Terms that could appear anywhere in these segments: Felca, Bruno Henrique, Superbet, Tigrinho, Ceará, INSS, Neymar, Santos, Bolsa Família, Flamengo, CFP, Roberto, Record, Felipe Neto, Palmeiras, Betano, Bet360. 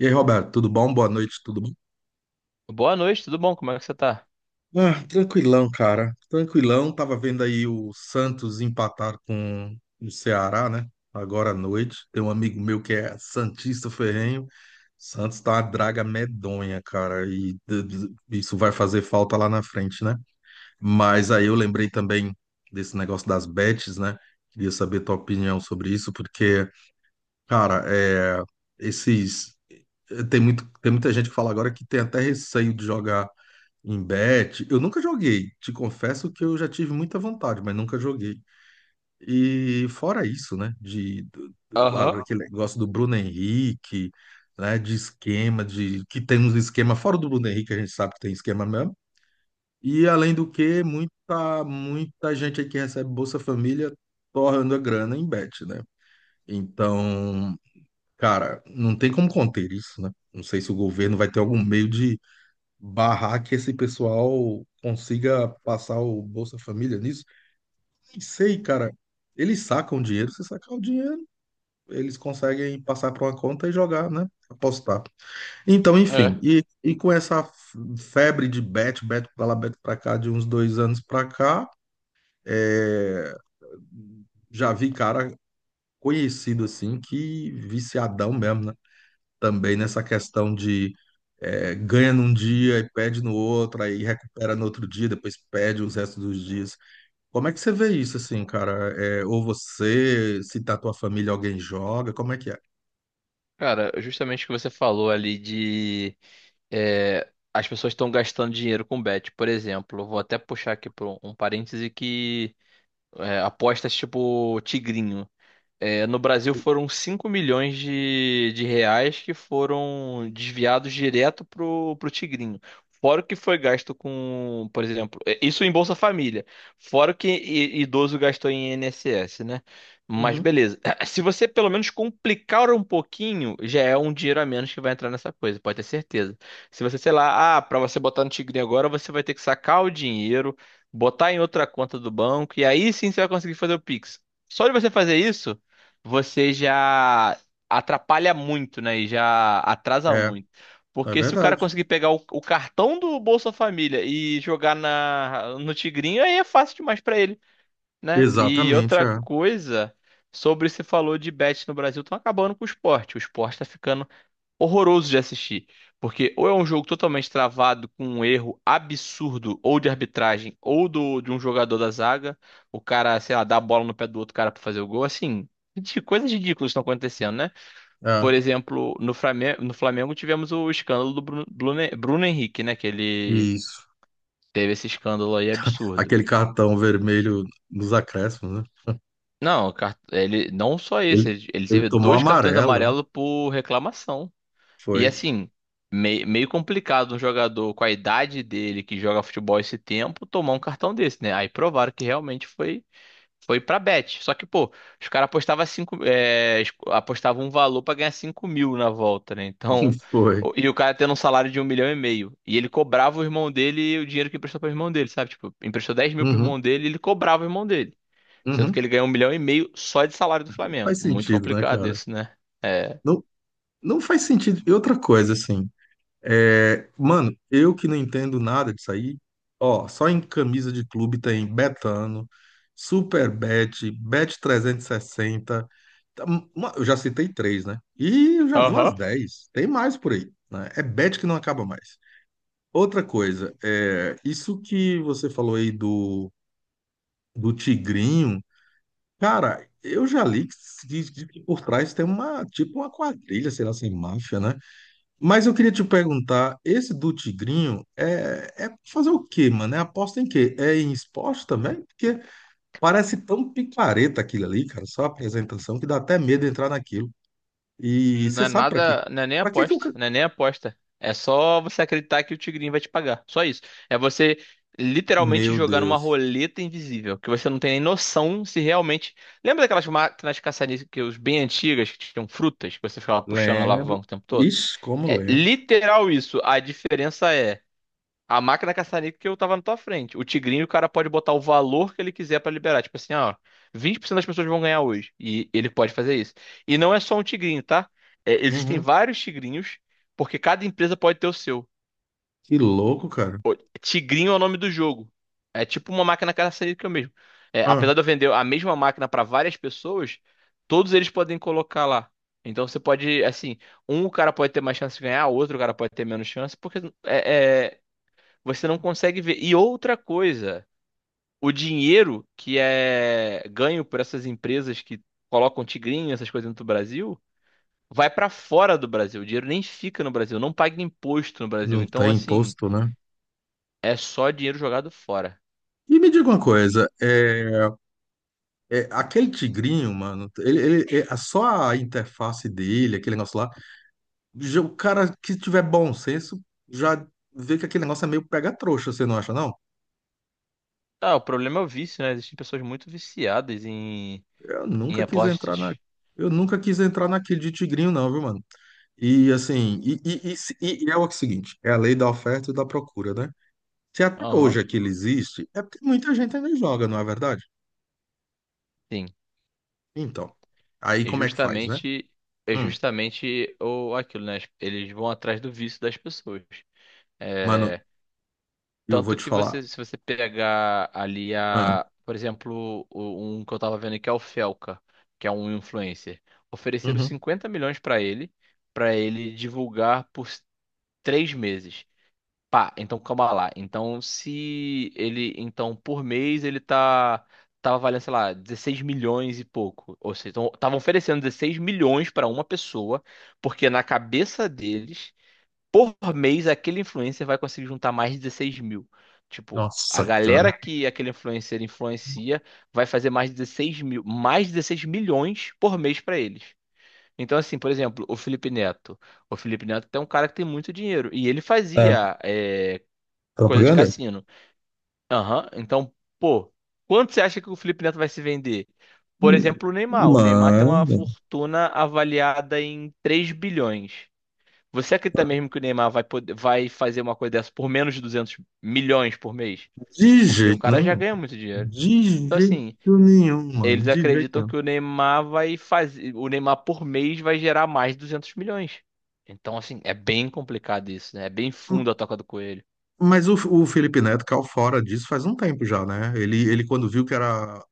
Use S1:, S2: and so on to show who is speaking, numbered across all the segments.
S1: E aí, Roberto, tudo bom? Boa noite, tudo bom?
S2: Boa noite, tudo bom? Como é que você tá?
S1: Ah, tranquilão, cara. Tranquilão. Tava vendo aí o Santos empatar com o Ceará, né? Agora à noite. Tem um amigo meu que é santista ferrenho. Santos tá uma draga medonha, cara. E isso vai fazer falta lá na frente, né? Mas aí eu lembrei também desse negócio das bets, né? Queria saber tua opinião sobre isso, porque, cara, é, esses tem muito, tem muita gente que fala agora que tem até receio de jogar em bet, eu nunca joguei. Te confesso que eu já tive muita vontade, mas nunca joguei. E fora isso, né? Lá
S2: Aham,
S1: daquele negócio do Bruno Henrique, né? De esquema, de que tem uns esquema fora do Bruno Henrique, a gente sabe que tem esquema mesmo. E além do que, muita gente aí que recebe Bolsa Família torrando a grana em bet, né? Então, cara, não tem como conter isso, né? Não sei se o governo vai ter algum meio barrar que esse pessoal consiga passar o Bolsa Família nisso. Nem sei, cara. Eles sacam dinheiro, se sacar o dinheiro, eles conseguem passar para uma conta e jogar, né? Apostar. Então,
S2: é.
S1: enfim, com essa febre de bet, bet para lá, bet para cá, de uns 2 anos para cá, é, já vi cara conhecido assim, que viciadão mesmo, né? Também nessa questão de é, ganha num dia e perde no outro, aí recupera no outro dia, depois perde os restos dos dias. Como é que você vê isso, assim, cara? É, ou você, se tá tua família, alguém joga, como é que é?
S2: Cara, justamente o que você falou ali de as pessoas estão gastando dinheiro com bet, por exemplo. Eu vou até puxar aqui para um parêntese que apostas tipo tigrinho. É, no Brasil foram 5 milhões de reais que foram desviados direto pro Tigrinho. Fora o que foi gasto com, por exemplo, isso em Bolsa Família. Fora o que idoso gastou em INSS, né? Mas
S1: Uhum.
S2: beleza. Se você pelo menos complicar um pouquinho, já é um dinheiro a menos que vai entrar nessa coisa, pode ter certeza. Se você, sei lá, ah, para você botar no Tigrinho agora, você vai ter que sacar o dinheiro, botar em outra conta do banco, e aí sim você vai conseguir fazer o Pix. Só de você fazer isso você já atrapalha muito, né? E já atrasa
S1: É,
S2: muito.
S1: é
S2: Porque se o cara
S1: verdade.
S2: conseguir pegar o cartão do Bolsa Família e jogar no Tigrinho, aí é fácil demais pra ele, né? E
S1: Exatamente,
S2: outra
S1: é.
S2: coisa, sobre se falou de bet no Brasil, estão acabando com o esporte. O esporte tá ficando horroroso de assistir. Porque ou é um jogo totalmente travado com um erro absurdo, ou de arbitragem, ou de um jogador da zaga, o cara, sei lá, dá a bola no pé do outro cara pra fazer o gol, assim, de coisas ridículas estão acontecendo, né? Por
S1: É,
S2: exemplo, no Flamengo, no Flamengo tivemos o escândalo do Bruno Henrique, né? Que ele
S1: isso.
S2: teve esse escândalo aí absurdo.
S1: Aquele cartão vermelho nos acréscimos, né?
S2: Não, ele não só
S1: Ele,
S2: esse, ele
S1: ele
S2: teve
S1: tomou
S2: dois cartões
S1: amarela, né?
S2: amarelos por reclamação. E
S1: Foi.
S2: assim, meio complicado um jogador com a idade dele que joga futebol esse tempo tomar um cartão desse, né? Aí provaram que realmente foi pra bet. Só que, pô, os caras apostavam cinco, apostavam um valor pra ganhar 5 mil na volta, né? Então,
S1: Foi.
S2: e o cara tendo um salário de 1,5 milhão. E ele cobrava o irmão dele o dinheiro que emprestou pro irmão dele, sabe? Tipo, emprestou 10 mil pro
S1: Uhum.
S2: irmão dele e ele cobrava o irmão dele. Sendo que
S1: Uhum.
S2: ele ganhou 1,5 milhão só de salário do Flamengo.
S1: Faz
S2: Muito
S1: sentido, né,
S2: complicado
S1: cara?
S2: isso, né? É.
S1: Não, não faz sentido. E outra coisa, assim, é, mano, eu que não entendo nada disso aí, ó, só em camisa de clube tem Betano, Superbet, Bet360, tá, eu já citei três, né? E eu já vi umas
S2: Aham.
S1: dez, tem mais por aí, né? É bet que não acaba mais. Outra coisa, é, isso que você falou aí do, do Tigrinho, cara, eu já li que por trás tem uma, tipo uma quadrilha, sei lá, sem máfia, né? Mas eu queria te perguntar, esse do Tigrinho é, é fazer o quê, mano? É aposta em quê? É em esporte também? Porque parece tão picareta aquilo ali, cara, só a apresentação que dá até medo de entrar naquilo. E
S2: Não
S1: você
S2: é
S1: sabe pra quê?
S2: nada, não é nem
S1: Pra quê que o...
S2: aposta, não é nem aposta. É só você acreditar que o Tigrinho vai te pagar. Só isso. É você literalmente
S1: Meu
S2: jogar numa
S1: Deus,
S2: roleta invisível, que você não tem nem noção se realmente. Lembra daquelas máquinas caça-níqueis bem antigas que tinham frutas, que você ficava puxando a
S1: lembro.
S2: alavanca o tempo todo?
S1: Ixi, como
S2: É
S1: lembro.
S2: literal isso. A diferença é. A máquina caça-níquel que eu tava na tua frente. O Tigrinho, o cara pode botar o valor que ele quiser pra liberar. Tipo assim, ó, 20% das pessoas vão ganhar hoje. E ele pode fazer isso. E não é só um Tigrinho, tá? É, existem
S1: Uhum.
S2: vários Tigrinhos, porque cada empresa pode ter o seu.
S1: Que louco, cara.
S2: Tigrinho é o nome do jogo. É tipo uma máquina caça-níquel mesmo. É,
S1: Ah,
S2: apesar de eu vender a mesma máquina pra várias pessoas, todos eles podem colocar lá. Então você pode, assim, um cara pode ter mais chance de ganhar, outro cara pode ter menos chance, porque é, é, você não consegue ver. E outra coisa, o dinheiro que é ganho por essas empresas que colocam tigrinho, essas coisas no Brasil, vai para fora do Brasil. O dinheiro nem fica no Brasil, não paga imposto no Brasil.
S1: não
S2: Então,
S1: tem
S2: assim,
S1: imposto, né?
S2: é só dinheiro jogado fora.
S1: E me diga uma coisa, é, é, aquele tigrinho, mano, é, só a interface dele, aquele negócio lá, o cara que tiver bom senso já vê que aquele negócio é meio pega-trouxa, você não acha, não?
S2: Ah, o problema é o vício, né? Existem pessoas muito viciadas
S1: Eu
S2: em
S1: nunca quis entrar na.
S2: apostas.
S1: Eu nunca quis entrar naquele de tigrinho, não, viu, mano? E assim, é o seguinte, é a lei da oferta e da procura, né? Se até hoje
S2: Aham,
S1: aquilo existe, é porque muita gente ainda joga, não é verdade?
S2: sim.
S1: Então, aí
S2: É
S1: como é que faz, né?
S2: justamente, é
S1: Hum,
S2: justamente o, aquilo, né? Eles vão atrás do vício das pessoas.
S1: mano,
S2: É,
S1: eu vou
S2: tanto
S1: te
S2: que
S1: falar.
S2: você, se você pegar ali
S1: Ah,
S2: a, por exemplo, um que eu tava vendo que é o Felca, que é um influencer, ofereceram
S1: uhum.
S2: 50 milhões pra ele divulgar por 3 meses. Pá, então calma lá. Então se ele, então por mês ele tava valendo, sei lá, 16 milhões e pouco. Ou seja, então estavam oferecendo 16 milhões pra uma pessoa, porque na cabeça deles por mês aquele influencer vai conseguir juntar mais de 16 mil. Tipo, a
S1: Nossa, cara.
S2: galera que aquele influencer influencia vai fazer mais de 16 mil, mais de 16 milhões por mês para eles. Então, assim, por exemplo, o Felipe Neto. O Felipe Neto é um cara que tem muito dinheiro. E ele
S1: É,
S2: fazia coisa de
S1: propaganda?
S2: cassino. Aham. Então, pô, quanto você acha que o Felipe Neto vai se vender? Por exemplo, o Neymar. O Neymar tem uma
S1: Mano,
S2: fortuna avaliada em 3 bilhões. Você acredita mesmo que o Neymar vai poder, vai fazer uma coisa dessa por menos de 200 milhões por mês?
S1: de
S2: Porque o
S1: jeito
S2: cara já
S1: nenhum.
S2: ganha muito dinheiro.
S1: De
S2: Então,
S1: jeito
S2: assim,
S1: nenhum, mano.
S2: eles
S1: De jeito
S2: acreditam
S1: nenhum.
S2: que o Neymar vai fazer, o Neymar por mês vai gerar mais de 200 milhões. Então, assim, é bem complicado isso, né? É bem
S1: M-
S2: fundo a toca do coelho.
S1: Mas o Felipe Neto caiu fora disso faz um tempo já, né? Ele quando viu que era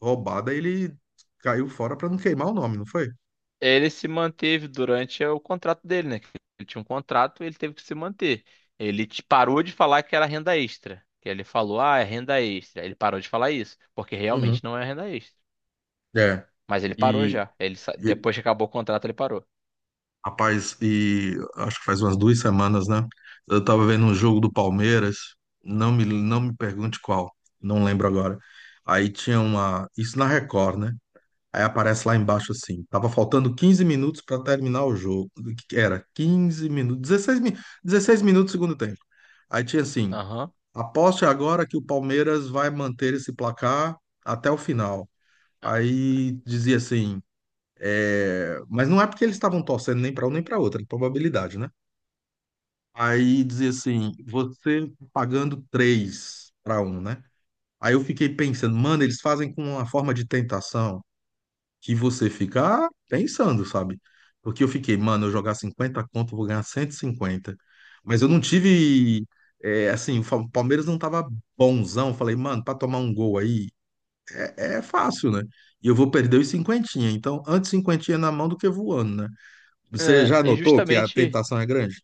S1: roubada, ele caiu fora pra não queimar o nome, não foi?
S2: Ele se manteve durante o contrato dele, né? Ele tinha um contrato, ele teve que se manter. Ele parou de falar que era renda extra. Que ele falou, ah, é renda extra. Ele parou de falar isso, porque
S1: Uhum.
S2: realmente não é renda extra.
S1: É.
S2: Mas ele parou
S1: E,
S2: já. Ele,
S1: e,
S2: depois que acabou o contrato, ele parou.
S1: rapaz, e acho que faz umas 2 semanas, né? Eu tava vendo um jogo do Palmeiras, não me pergunte qual, não lembro agora. Aí tinha uma. Isso na Record, né? Aí aparece lá embaixo assim, tava faltando 15 minutos para terminar o jogo. O que que era 15 minutos, 16 minutos do segundo tempo. Aí tinha assim,
S2: Aham.
S1: aposte agora que o Palmeiras vai manter esse placar até o final. Aí dizia assim, é, mas não é porque eles estavam torcendo nem para um nem para outro, é probabilidade, né? Aí dizia assim, você pagando 3-1, né? Aí eu fiquei pensando, mano, eles fazem com uma forma de tentação que você fica ah, pensando, sabe? Porque eu fiquei, mano, eu jogar 50 conto, eu vou ganhar 150. Mas eu não tive. É, assim, o Palmeiras não tava bonzão. Eu falei, mano, pra tomar um gol aí é, é fácil, né? E eu vou perder os cinquentinha. Então, antes cinquentinha na mão do que voando, né? Você
S2: É,
S1: já
S2: e
S1: notou que a
S2: justamente.
S1: tentação é grande?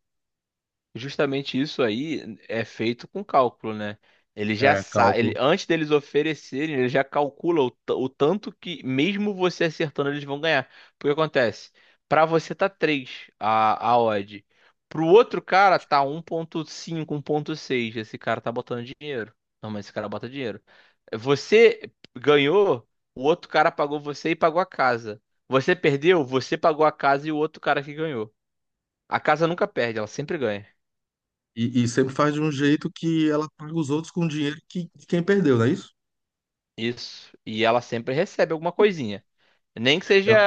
S2: Justamente isso aí é feito com cálculo, né? Ele já
S1: É,
S2: sabe, ele,
S1: cálculo.
S2: antes deles oferecerem, ele já calcula o tanto que, mesmo você acertando, eles vão ganhar. Porque acontece, para você tá 3 a odd, pro outro cara tá 1.5 1.6 Esse cara tá botando dinheiro. Não, mas esse cara bota dinheiro. Você ganhou, o outro cara pagou você e pagou a casa. Você perdeu, você pagou a casa e o outro cara que ganhou. A casa nunca perde, ela sempre ganha.
S1: E sempre faz de um jeito que ela paga os outros com dinheiro que, de quem perdeu, não é isso?
S2: Isso. E ela sempre recebe alguma coisinha. Nem que seja
S1: Ela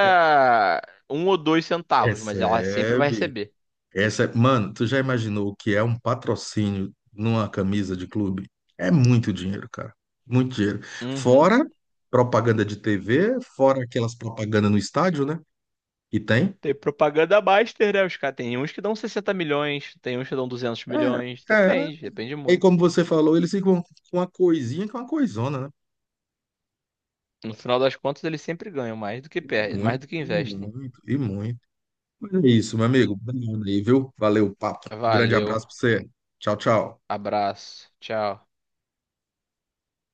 S2: um ou dois centavos, mas ela sempre vai
S1: recebe.
S2: receber.
S1: Essa, mano, tu já imaginou o que é um patrocínio numa camisa de clube? É muito dinheiro, cara. Muito dinheiro.
S2: Uhum.
S1: Fora propaganda de TV, fora aquelas propagandas no estádio, né? E tem.
S2: Tem propaganda master, né? Os caras tem uns que dão 60 milhões, tem uns que dão 200 milhões.
S1: É, é.
S2: Depende, depende
S1: E
S2: muito.
S1: como você falou, eles ficam com uma coisinha que é uma coisona, né?
S2: No final das contas, eles sempre ganham mais do que
S1: E
S2: perdem, mais
S1: muito,
S2: do que
S1: e
S2: investem.
S1: muito, e muito. Mas é isso, meu amigo. Obrigado aí, viu? Valeu o papo. Um grande
S2: Valeu,
S1: abraço pra você. Tchau, tchau.
S2: abraço, tchau.